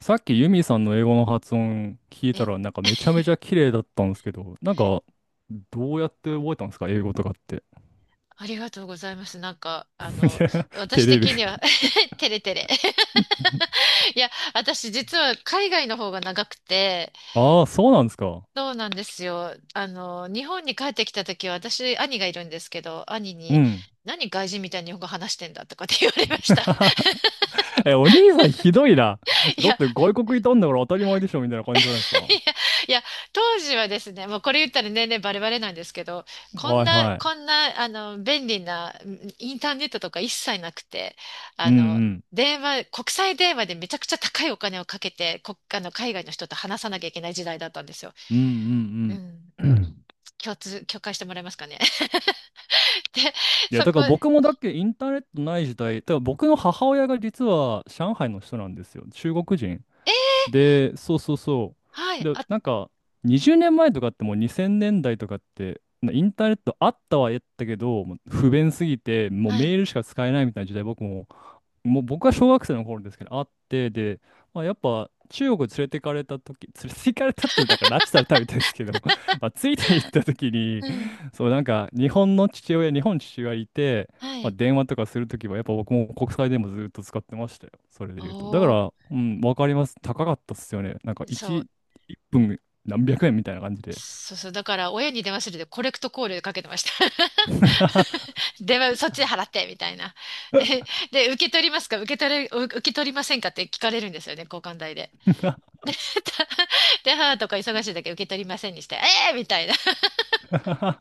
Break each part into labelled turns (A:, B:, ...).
A: さっきユミさんの英語の発音聞いた
B: え、
A: らなんかめちゃめちゃ綺麗だったんですけど、なんかどうやって覚えたんですか、英語とかって？
B: ありがとうございます。
A: いや、
B: 私
A: 照れる。
B: 的には テレテレ。いや、私実は海外の方が長くて、
A: ああ、そうなんですか。
B: そうなんですよ。あの、日本に帰ってきた時は私、兄がいるんですけど、兄
A: う
B: に、
A: ん。
B: 何外人みたいに日本語話してんだとかって言われました。
A: え、お兄さんひどいな。
B: い
A: だっ
B: や
A: て外国いたんだから当たり前でしょみたいな感じじゃないですか。は
B: いや、いや、当時はですね、もうこれ言ったら年々バレバレなんですけど、こん
A: い
B: な、
A: はい。
B: こんな、あの、便利な、インターネットとか一切なくて、
A: う
B: あ
A: ん
B: の、
A: うん。
B: 電話、国際電話でめちゃくちゃ高いお金をかけて、国あの、海外の人と話さなきゃいけない時代だったんですよ。
A: う
B: う
A: ん
B: ん。
A: うんうん。
B: 共感してもらえますかね。で、
A: いや、
B: そ
A: だ
B: こ、
A: から僕もだっけ、インターネットない時代、だから僕の母親が実は上海の人なんですよ。中国人。
B: えー、
A: で、そうそうそ
B: は
A: う。
B: い、
A: で、
B: あ、
A: なんか、20年前とかってもう2000年代とかって、なインターネットあったはやったけど、もう不便すぎて、もう
B: は
A: メー
B: い、
A: ルしか使えないみたいな時代、僕も、もう僕は小学生の頃ですけど、あって、で、まあ、やっぱ中国連れてかれた時、 連れて行かれたって、だから拉致されたみたいですけど、まあ、ついて行った時に、
B: うん、
A: そう、なんか日本父親いて、
B: は
A: まあ、
B: い。
A: 電話とかするときは、やっぱ僕も国際電話ずっと使ってましたよ。それで言うと。だか
B: おー、
A: ら、うん、わかります。高かったっすよね。なんか
B: そう、
A: 1分何百円みたいな感じで。
B: そうそう、だから親に電話するでコレクトコールかけてました。では、そっちで払って、みたいな。で、受け取りませんかって聞かれるんですよね、交換代で。で、たで母とか忙しい時受け取りませんにして、えー、みたいな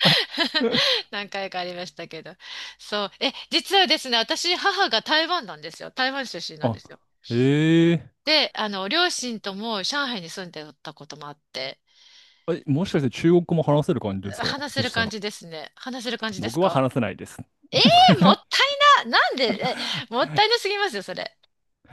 B: 何回かありましたけど。そう。え、実はですね、私、母が台湾なんですよ。台湾出身なんですよ。
A: あ、ええ
B: で、あの、両親とも上海に住んでたこともあって、
A: え、もしかして中国語も話せる感じですか
B: 話せ
A: そ
B: る
A: した
B: 感
A: ら？
B: じですね。話せる感じです
A: 僕は
B: か
A: 話せないです。
B: ええー、もった いな。なんで、え、もったいなすぎますよ、それ。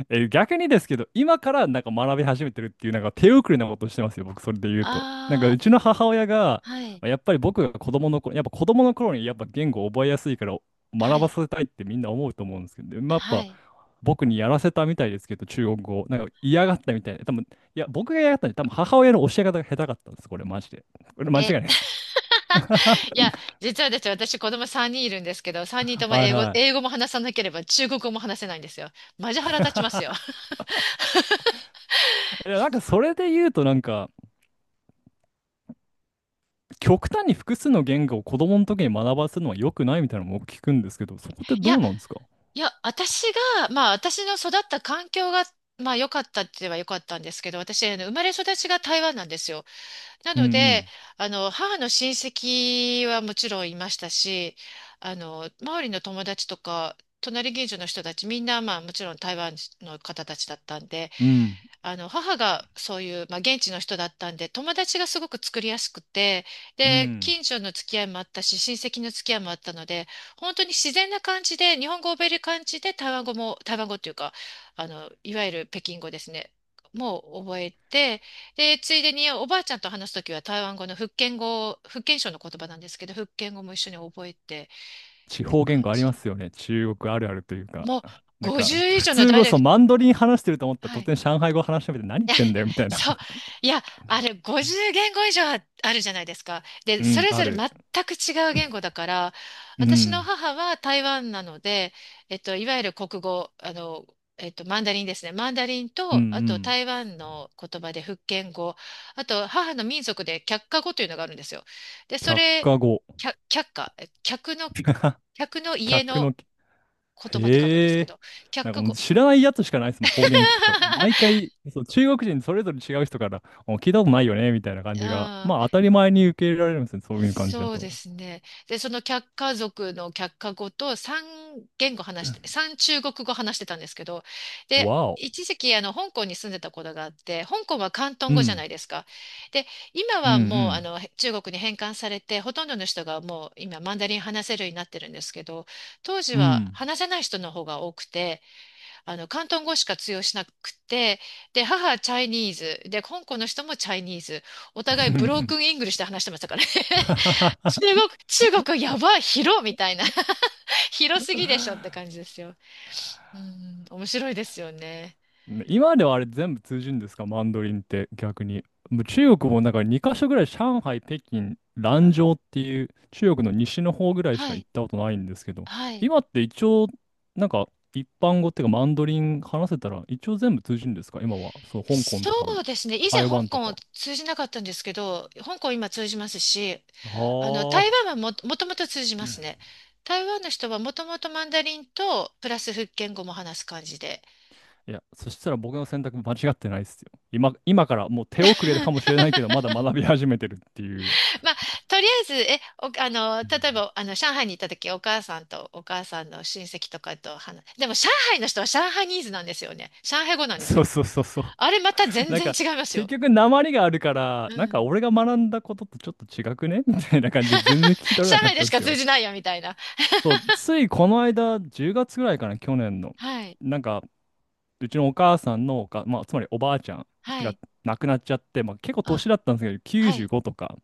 A: え、逆にですけど、今からなんか学び始めてるっていう、なんか手遅れなことしてますよ、僕、それで言うと。なんか、
B: あ
A: うちの母親が、
B: はい、
A: やっぱり僕が子供の頃、やっぱ子供の頃にやっぱ言語を覚えやすいから
B: は
A: 学ば
B: い、
A: せたいってみんな思うと思うんですけど、でまあ、や
B: は
A: っぱ
B: い。
A: 僕にやらせたみたいですけど、中国語を、なんか嫌がったみたいで、多分、いや、僕が嫌がったんで、多分母親の教え方が下手かったんです、これ、マジで。これ、間違い
B: え、
A: ないです。は
B: いや、実はですね、私子供3人いるんですけど、3人とも
A: い
B: 英語、
A: は
B: 英語
A: い。
B: も話さなければ中国語も話せないんですよ。マジ腹立ちますよ。
A: いや、なんかそれで言うとなんか、極端に複数の言語を子供の時に学ばせるのは良くないみたいなのも僕聞くんですけど、そこって
B: い
A: ど
B: や、
A: うなんですか？
B: 私がまあ私の育った環境が、まあ良かったって言えば良かったんですけど、私、あの生まれ育ちが台湾なんですよ。な
A: う
B: ので、
A: ん
B: あの、母の親戚はもちろんいましたし、あの、周りの友達とか、隣近所の人たちみんな、まあもちろん台湾の方たちだったんで、
A: うん。うん。
B: あの、母がそういう、まあ、現地の人だったんで、友達がすごく作りやすくて、
A: う
B: で、
A: ん。
B: 近所の付き合いもあったし、親戚の付き合いもあったので、本当に自然な感じで、日本語を覚える感じで、台湾語というか、あの、いわゆる北京語ですね。もう覚えて、で、ついでにおばあちゃんと話すときは台湾語の福建語、福建省の言葉なんですけど、福建語も一緒に覚えてっ
A: 地
B: て
A: 方言
B: 感
A: 語あり
B: じ。
A: ますよね。中国あるあるというか。
B: もう
A: なんか、
B: 50以
A: 普
B: 上の
A: 通
B: ダイ
A: 語、
B: レ
A: そ
B: ク
A: う、
B: ト、
A: マンドリン話してると思ったら
B: は
A: 突
B: い。
A: 然上海語話してみて何言
B: い
A: っ
B: や、
A: てんだよみた いな。
B: そう。いや、あれ、50言語以上ああるじゃないですか。で、
A: う
B: そ
A: ん、
B: れ
A: あ
B: ぞれ
A: る。
B: 全く違う言語だから、
A: う
B: 私の
A: ん。
B: 母は台湾なので、えっと、いわゆる国語、あの、えっと、マンダリンですね。マンダリン
A: うんう
B: と、あと
A: ん。
B: 台湾の言葉で福建語、あと母の民族で客家語というのがあるんですよ。で、
A: 却
B: それ、
A: 下語。
B: 客の、客の家
A: 客
B: の
A: の、
B: 言葉って書くんです
A: へ
B: け
A: え。
B: ど、客
A: なんか
B: 家
A: もう
B: 語。
A: 知らないやつしかないですもん、方言聞くと。毎 回、そう、中国人それぞれ違う人から、お聞いたことないよね、みたいな感
B: う
A: じが、
B: ん
A: まあ当たり前に受け入れられるんですね、そういう感じだ
B: そう
A: と。
B: ですね。で、その客家族の客家語と3言語話して、3中国語話してたんですけど、で、
A: わお。
B: 一時期あの香港に住んでたことがあって、香港は広東
A: う
B: 語じゃな
A: ん、
B: いですか。で、今
A: う
B: はもうあ
A: ん、
B: の中国に返還されて、ほとんどの人がもう今マンダリン話せるようになってるんですけど、当時
A: うん、う
B: は
A: ん。
B: 話せない人の方が多くて、あの広東語しか通用しなくて、で、母はチャイニーズ、で、香港の人もチャイニーズ、お互いブロークンイングリッシュで話してましたからね。中国やばい、広みたいな。広すぎでしょって感じですよ。うん、面白いですよね。
A: 今ではあれ全部通じるんですか、マンドリンって逆に？もう中国もなんか2カ所ぐらい、上海、北京、蘭州っていう中国の西の方ぐらいし
B: は
A: か行
B: い、
A: ったことないんですけど、
B: はい。
A: 今って一応なんか一般語っていうか、マンドリン話せたら一応全部通じるんですか、今は？そう、香港
B: そ
A: とかも、
B: うですね。以前
A: 台
B: 香
A: 湾と
B: 港を
A: か。
B: 通じなかったんですけど、香港今通じますし、あの、
A: あ
B: 台湾
A: あ。
B: はも、もともと通じますね。台湾の人はもともとマンダリンと、プラス福建語も話す感じで。
A: いや、そしたら僕の選択間違ってないですよ。今からもう手遅れかも しれないけど、まだ学び始めてるっていう。
B: まあ、とりあえず、え、お、あの、
A: う
B: 例え
A: ん、
B: ば、あの、上海に行った時、お母さんとお母さんの親戚とかと話、でも、上海の人は上海ニーズなんですよね。上海語なんです
A: そう
B: よ。
A: そうそうそう。
B: あれ、また全
A: なん
B: 然
A: か、
B: 違います
A: 結
B: よ。
A: 局、訛りがあるから、
B: う
A: なんか、
B: ん。
A: 俺が学んだこととちょっと違くね みたいな感じで全然聞き取
B: 上
A: れなかっ
B: 海で
A: たん
B: し
A: で
B: か
A: す
B: 通
A: よ。
B: じないよ、みたいな。
A: そう、ついこの間、10月ぐらいかな、去年の。
B: はい。
A: なんか、うちのお母さんの、まあ、つまりおばあちゃん
B: は
A: が
B: い。
A: 亡くなっちゃって、まあ、結構
B: あ、
A: 年だったんですけど、
B: はい。
A: 95とか、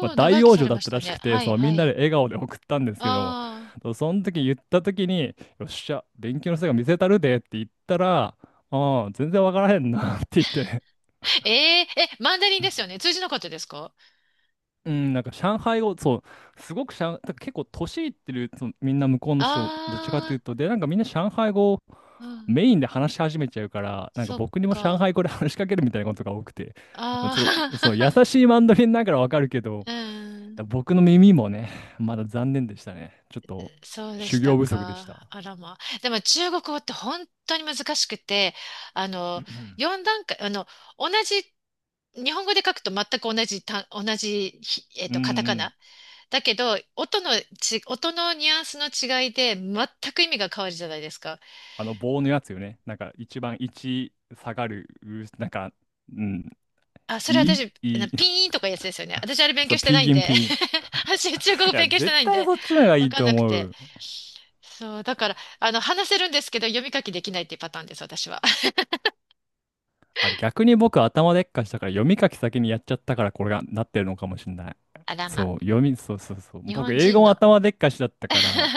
A: まあ、
B: ー、
A: 大
B: 長生き
A: 往
B: さ
A: 生
B: れ
A: だっ
B: まし
A: たら
B: た
A: し
B: ね。
A: くて、
B: はい、
A: そう、み
B: は
A: んなで
B: い。
A: 笑顔で送ったんですけど、
B: あー。
A: その時言った時に、よっしゃ、勉強の成果見せたるでって言ったら、ああ、全然わからへんなって言って、
B: え、ー、え、マンダリンですよね。通じなかったですか
A: うん、なんか上海語、そう、すごく、だから結構年いってる、そのみんな向こうの人、どっちかって
B: あ
A: いうと、で、なんかみんな上海語を
B: ー、う
A: メ
B: ん。
A: インで話し始めちゃうから、なんか
B: そっ
A: 僕にも上
B: か。
A: 海語で話しかけるみたいなことが多くて、まあ
B: あ
A: すごい、そう、優
B: ー。
A: しいマンドリンだからわかるけ ど、
B: うん
A: 僕の耳もね、まだ残念でしたね。ちょっと
B: そうで
A: 修
B: した
A: 行不足でした。
B: か。あらまあ。でも中国語って本当に難しくて、あ
A: う
B: の、
A: ん
B: 4段階、同じ、日本語で書くと全く同じ単、同じひ、えっ
A: う
B: と、カタカ
A: ん。
B: ナ。だけど、音のニュアンスの違いで全く意味が変わるじゃないですか。
A: あの棒のやつよね。なんか一番1下がる、なんか、うん、
B: あ、それ
A: いい
B: 私、
A: い
B: な
A: い、
B: ピーンとかいうやつですよね。私あれ 勉
A: そ
B: 強
A: う、
B: して
A: ピ
B: な
A: ー
B: いん
A: ギン
B: で。
A: ピー、
B: 私中国語
A: いや、
B: 勉強して
A: 絶
B: ないん
A: 対
B: で、
A: そっちの方がい
B: わ
A: い
B: かん
A: と
B: なく
A: 思
B: て。
A: う。
B: そう、だから、あの、話せるんですけど、読み書きできないっていうパターンです、私は。
A: あ、逆に僕頭でっかしたから読み書き先にやっちゃったからこれがなってるのかもしれない。
B: あらま。
A: そう、そうそうそう。
B: 日
A: 僕
B: 本
A: 英語
B: 人の
A: も 頭でっかしだったから、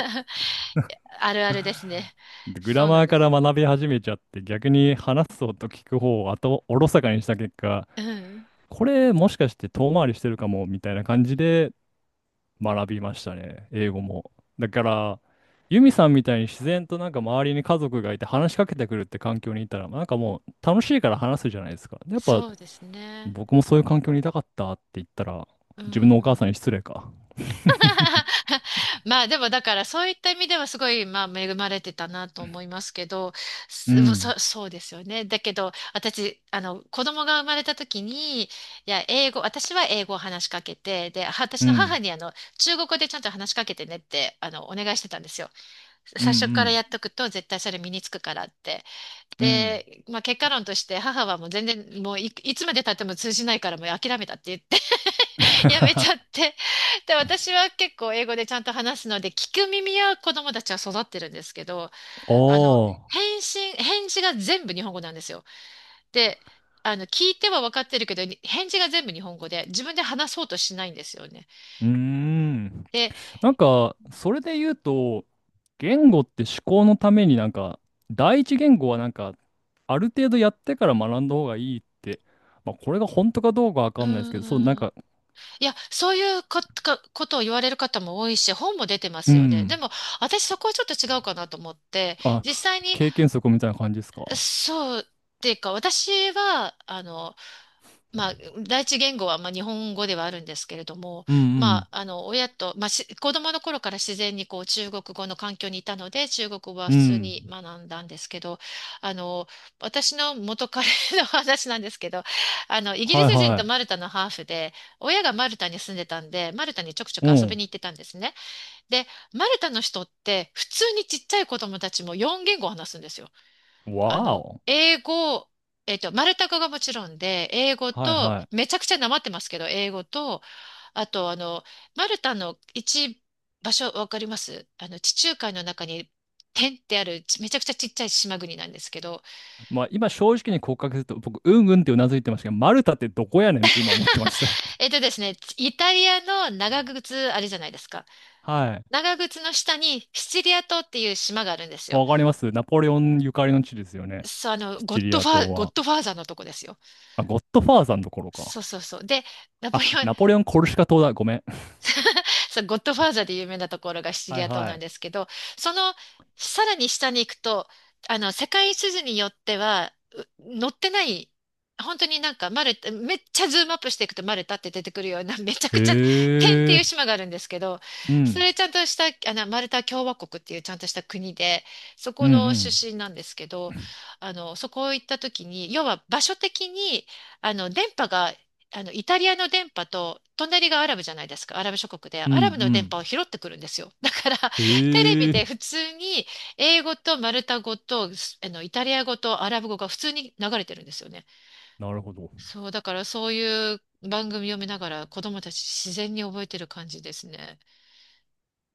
B: あるあるですね。
A: グ
B: そ
A: ラ
B: う
A: マ
B: なん
A: ー
B: で
A: から
B: す。
A: 学び始めちゃって、逆に話す方と聞く方を後おろそかにした結果、
B: うん。
A: これもしかして遠回りしてるかもみたいな感じで学びましたね、英語も。だから、ユミさんみたいに自然となんか周りに家族がいて話しかけてくるって環境にいたら、なんかもう楽しいから話すじゃないですか。でやっぱ
B: そうですね。
A: 僕もそういう環境にいたかったって言ったら、
B: う
A: 自分のお母さん
B: ん。
A: に失礼か。
B: まあでもだからそういった意味ではすごいまあ恵まれてたなと思いますけど、
A: うん、
B: そうですよね。だけど私、あの子供が生まれた時に、私は英語を話しかけて、で、私
A: う
B: の母
A: ん、
B: にあの中国語でちゃんと話しかけてねってあのお願いしてたんですよ。
A: う
B: 最初から
A: ん、
B: やっとくと絶対それ身につくからって。
A: うん、うん。
B: で、まあ、結果論として母はもう全然もうい、いつまで経っても通じないからもう諦めたって言って やめち ゃって。で、私は結構英語でちゃんと話すので聞く耳は子供たちは育ってるんですけど、あの、
A: おー、
B: 返信、返事が全部日本語なんですよ。で、あの、聞いては分かってるけど、返事が全部日本語で自分で話そうとしないんですよね。
A: うーん。
B: で、
A: なんか、それで言うと、言語って思考のためになんか、第一言語はなんか、ある程度やってから学んだ方がいいって、まあ、これが本当かどうかわ
B: う
A: かんないですけど、そう、なん
B: ー
A: か、
B: いや、そういうこ、かことを言われる方も多いし、本も出てま
A: う
B: すよね。で
A: ん。
B: も、私そこはちょっと違うかなと思って、
A: あ、
B: 実際に
A: 経験則みたいな感じですか？
B: そうっていうか、私は、あの、まあ、第一言語は、まあ、日本語ではあるんですけれども、
A: うんう
B: ま
A: ん。
B: あ、あの、親と、まあ、し子供の頃から自然にこう中国語の環境にいたので、中国語は
A: う
B: 普通に
A: ん。
B: 学んだんですけど、あの、私の元彼の 話なんですけど、あの、イギリ
A: はい
B: ス人と
A: は
B: マルタのハーフで、親がマルタに住んでたんで、マルタにちょくちょく遊び
A: い。う
B: に行ってたんですね。で、マルタの人って、普通にちっちゃい子供たちも4言語話すんですよ。
A: ん。
B: あ
A: わ
B: の、
A: お。
B: 英語、えっと、マルタ語がもちろんで、英語
A: はい
B: と、
A: は
B: め
A: い。
B: ちゃくちゃなまってますけど、英語と、あと、あの、マルタの一場所、わかりますあの、地中海の中に、点ってある、めちゃくちゃちっちゃい島国なんですけど、
A: まあ、今正直に告白すると、僕、うんうんってうなずいてましたけど、マルタってどこやねんって今思ってま した。
B: えっとですね、イタリアの長靴あれじゃないですか。
A: はい。
B: 長靴の下にシチリア島っていう島があるんですよ。
A: わかります。ナポレオンゆかりの地ですよね。
B: そう、あの、
A: シチリア島
B: ゴッ
A: は。
B: ドファーザーのとこですよ。
A: あ、ゴッドファーザーの頃か。
B: そうそうそう。で、ナポ
A: あ、
B: レオン
A: ナポレオン・コルシカ島だ。ごめん。
B: そう、ゴッドファーザーで有名なところがシチ
A: は
B: リ
A: い
B: ア島
A: は
B: なんです
A: い。
B: けど、そのさらに下に行くと、あの、世界地図によっては、載ってない、本当になんかマルタ、めっちゃズームアップしていくとマルタって出てくるような、めちゃくちゃ、点って
A: へ
B: いう
A: え。
B: 島があるんですけど、
A: う
B: そ
A: ん。
B: れちゃんとした、あの、マルタ共和国っていうちゃんとした国で、そ
A: うん
B: こ
A: う
B: の
A: ん。
B: 出身なんですけど、あの、そこ行った時に、要は場所的に、あの、電波があの、イタリアの電波と、隣がアラブじゃないですか、アラブ諸国で、ア
A: う
B: ラブの電波
A: ん
B: を拾ってくるんですよ。だから、
A: うん。
B: テレビ
A: へ
B: で
A: え。
B: 普通に、英語とマルタ語と、あの、イタリア語とアラブ語が普通に流れてるんですよね。
A: なるほど。
B: そう、だからそういう番組を見ながら、子供たち自然に覚えてる感じですね。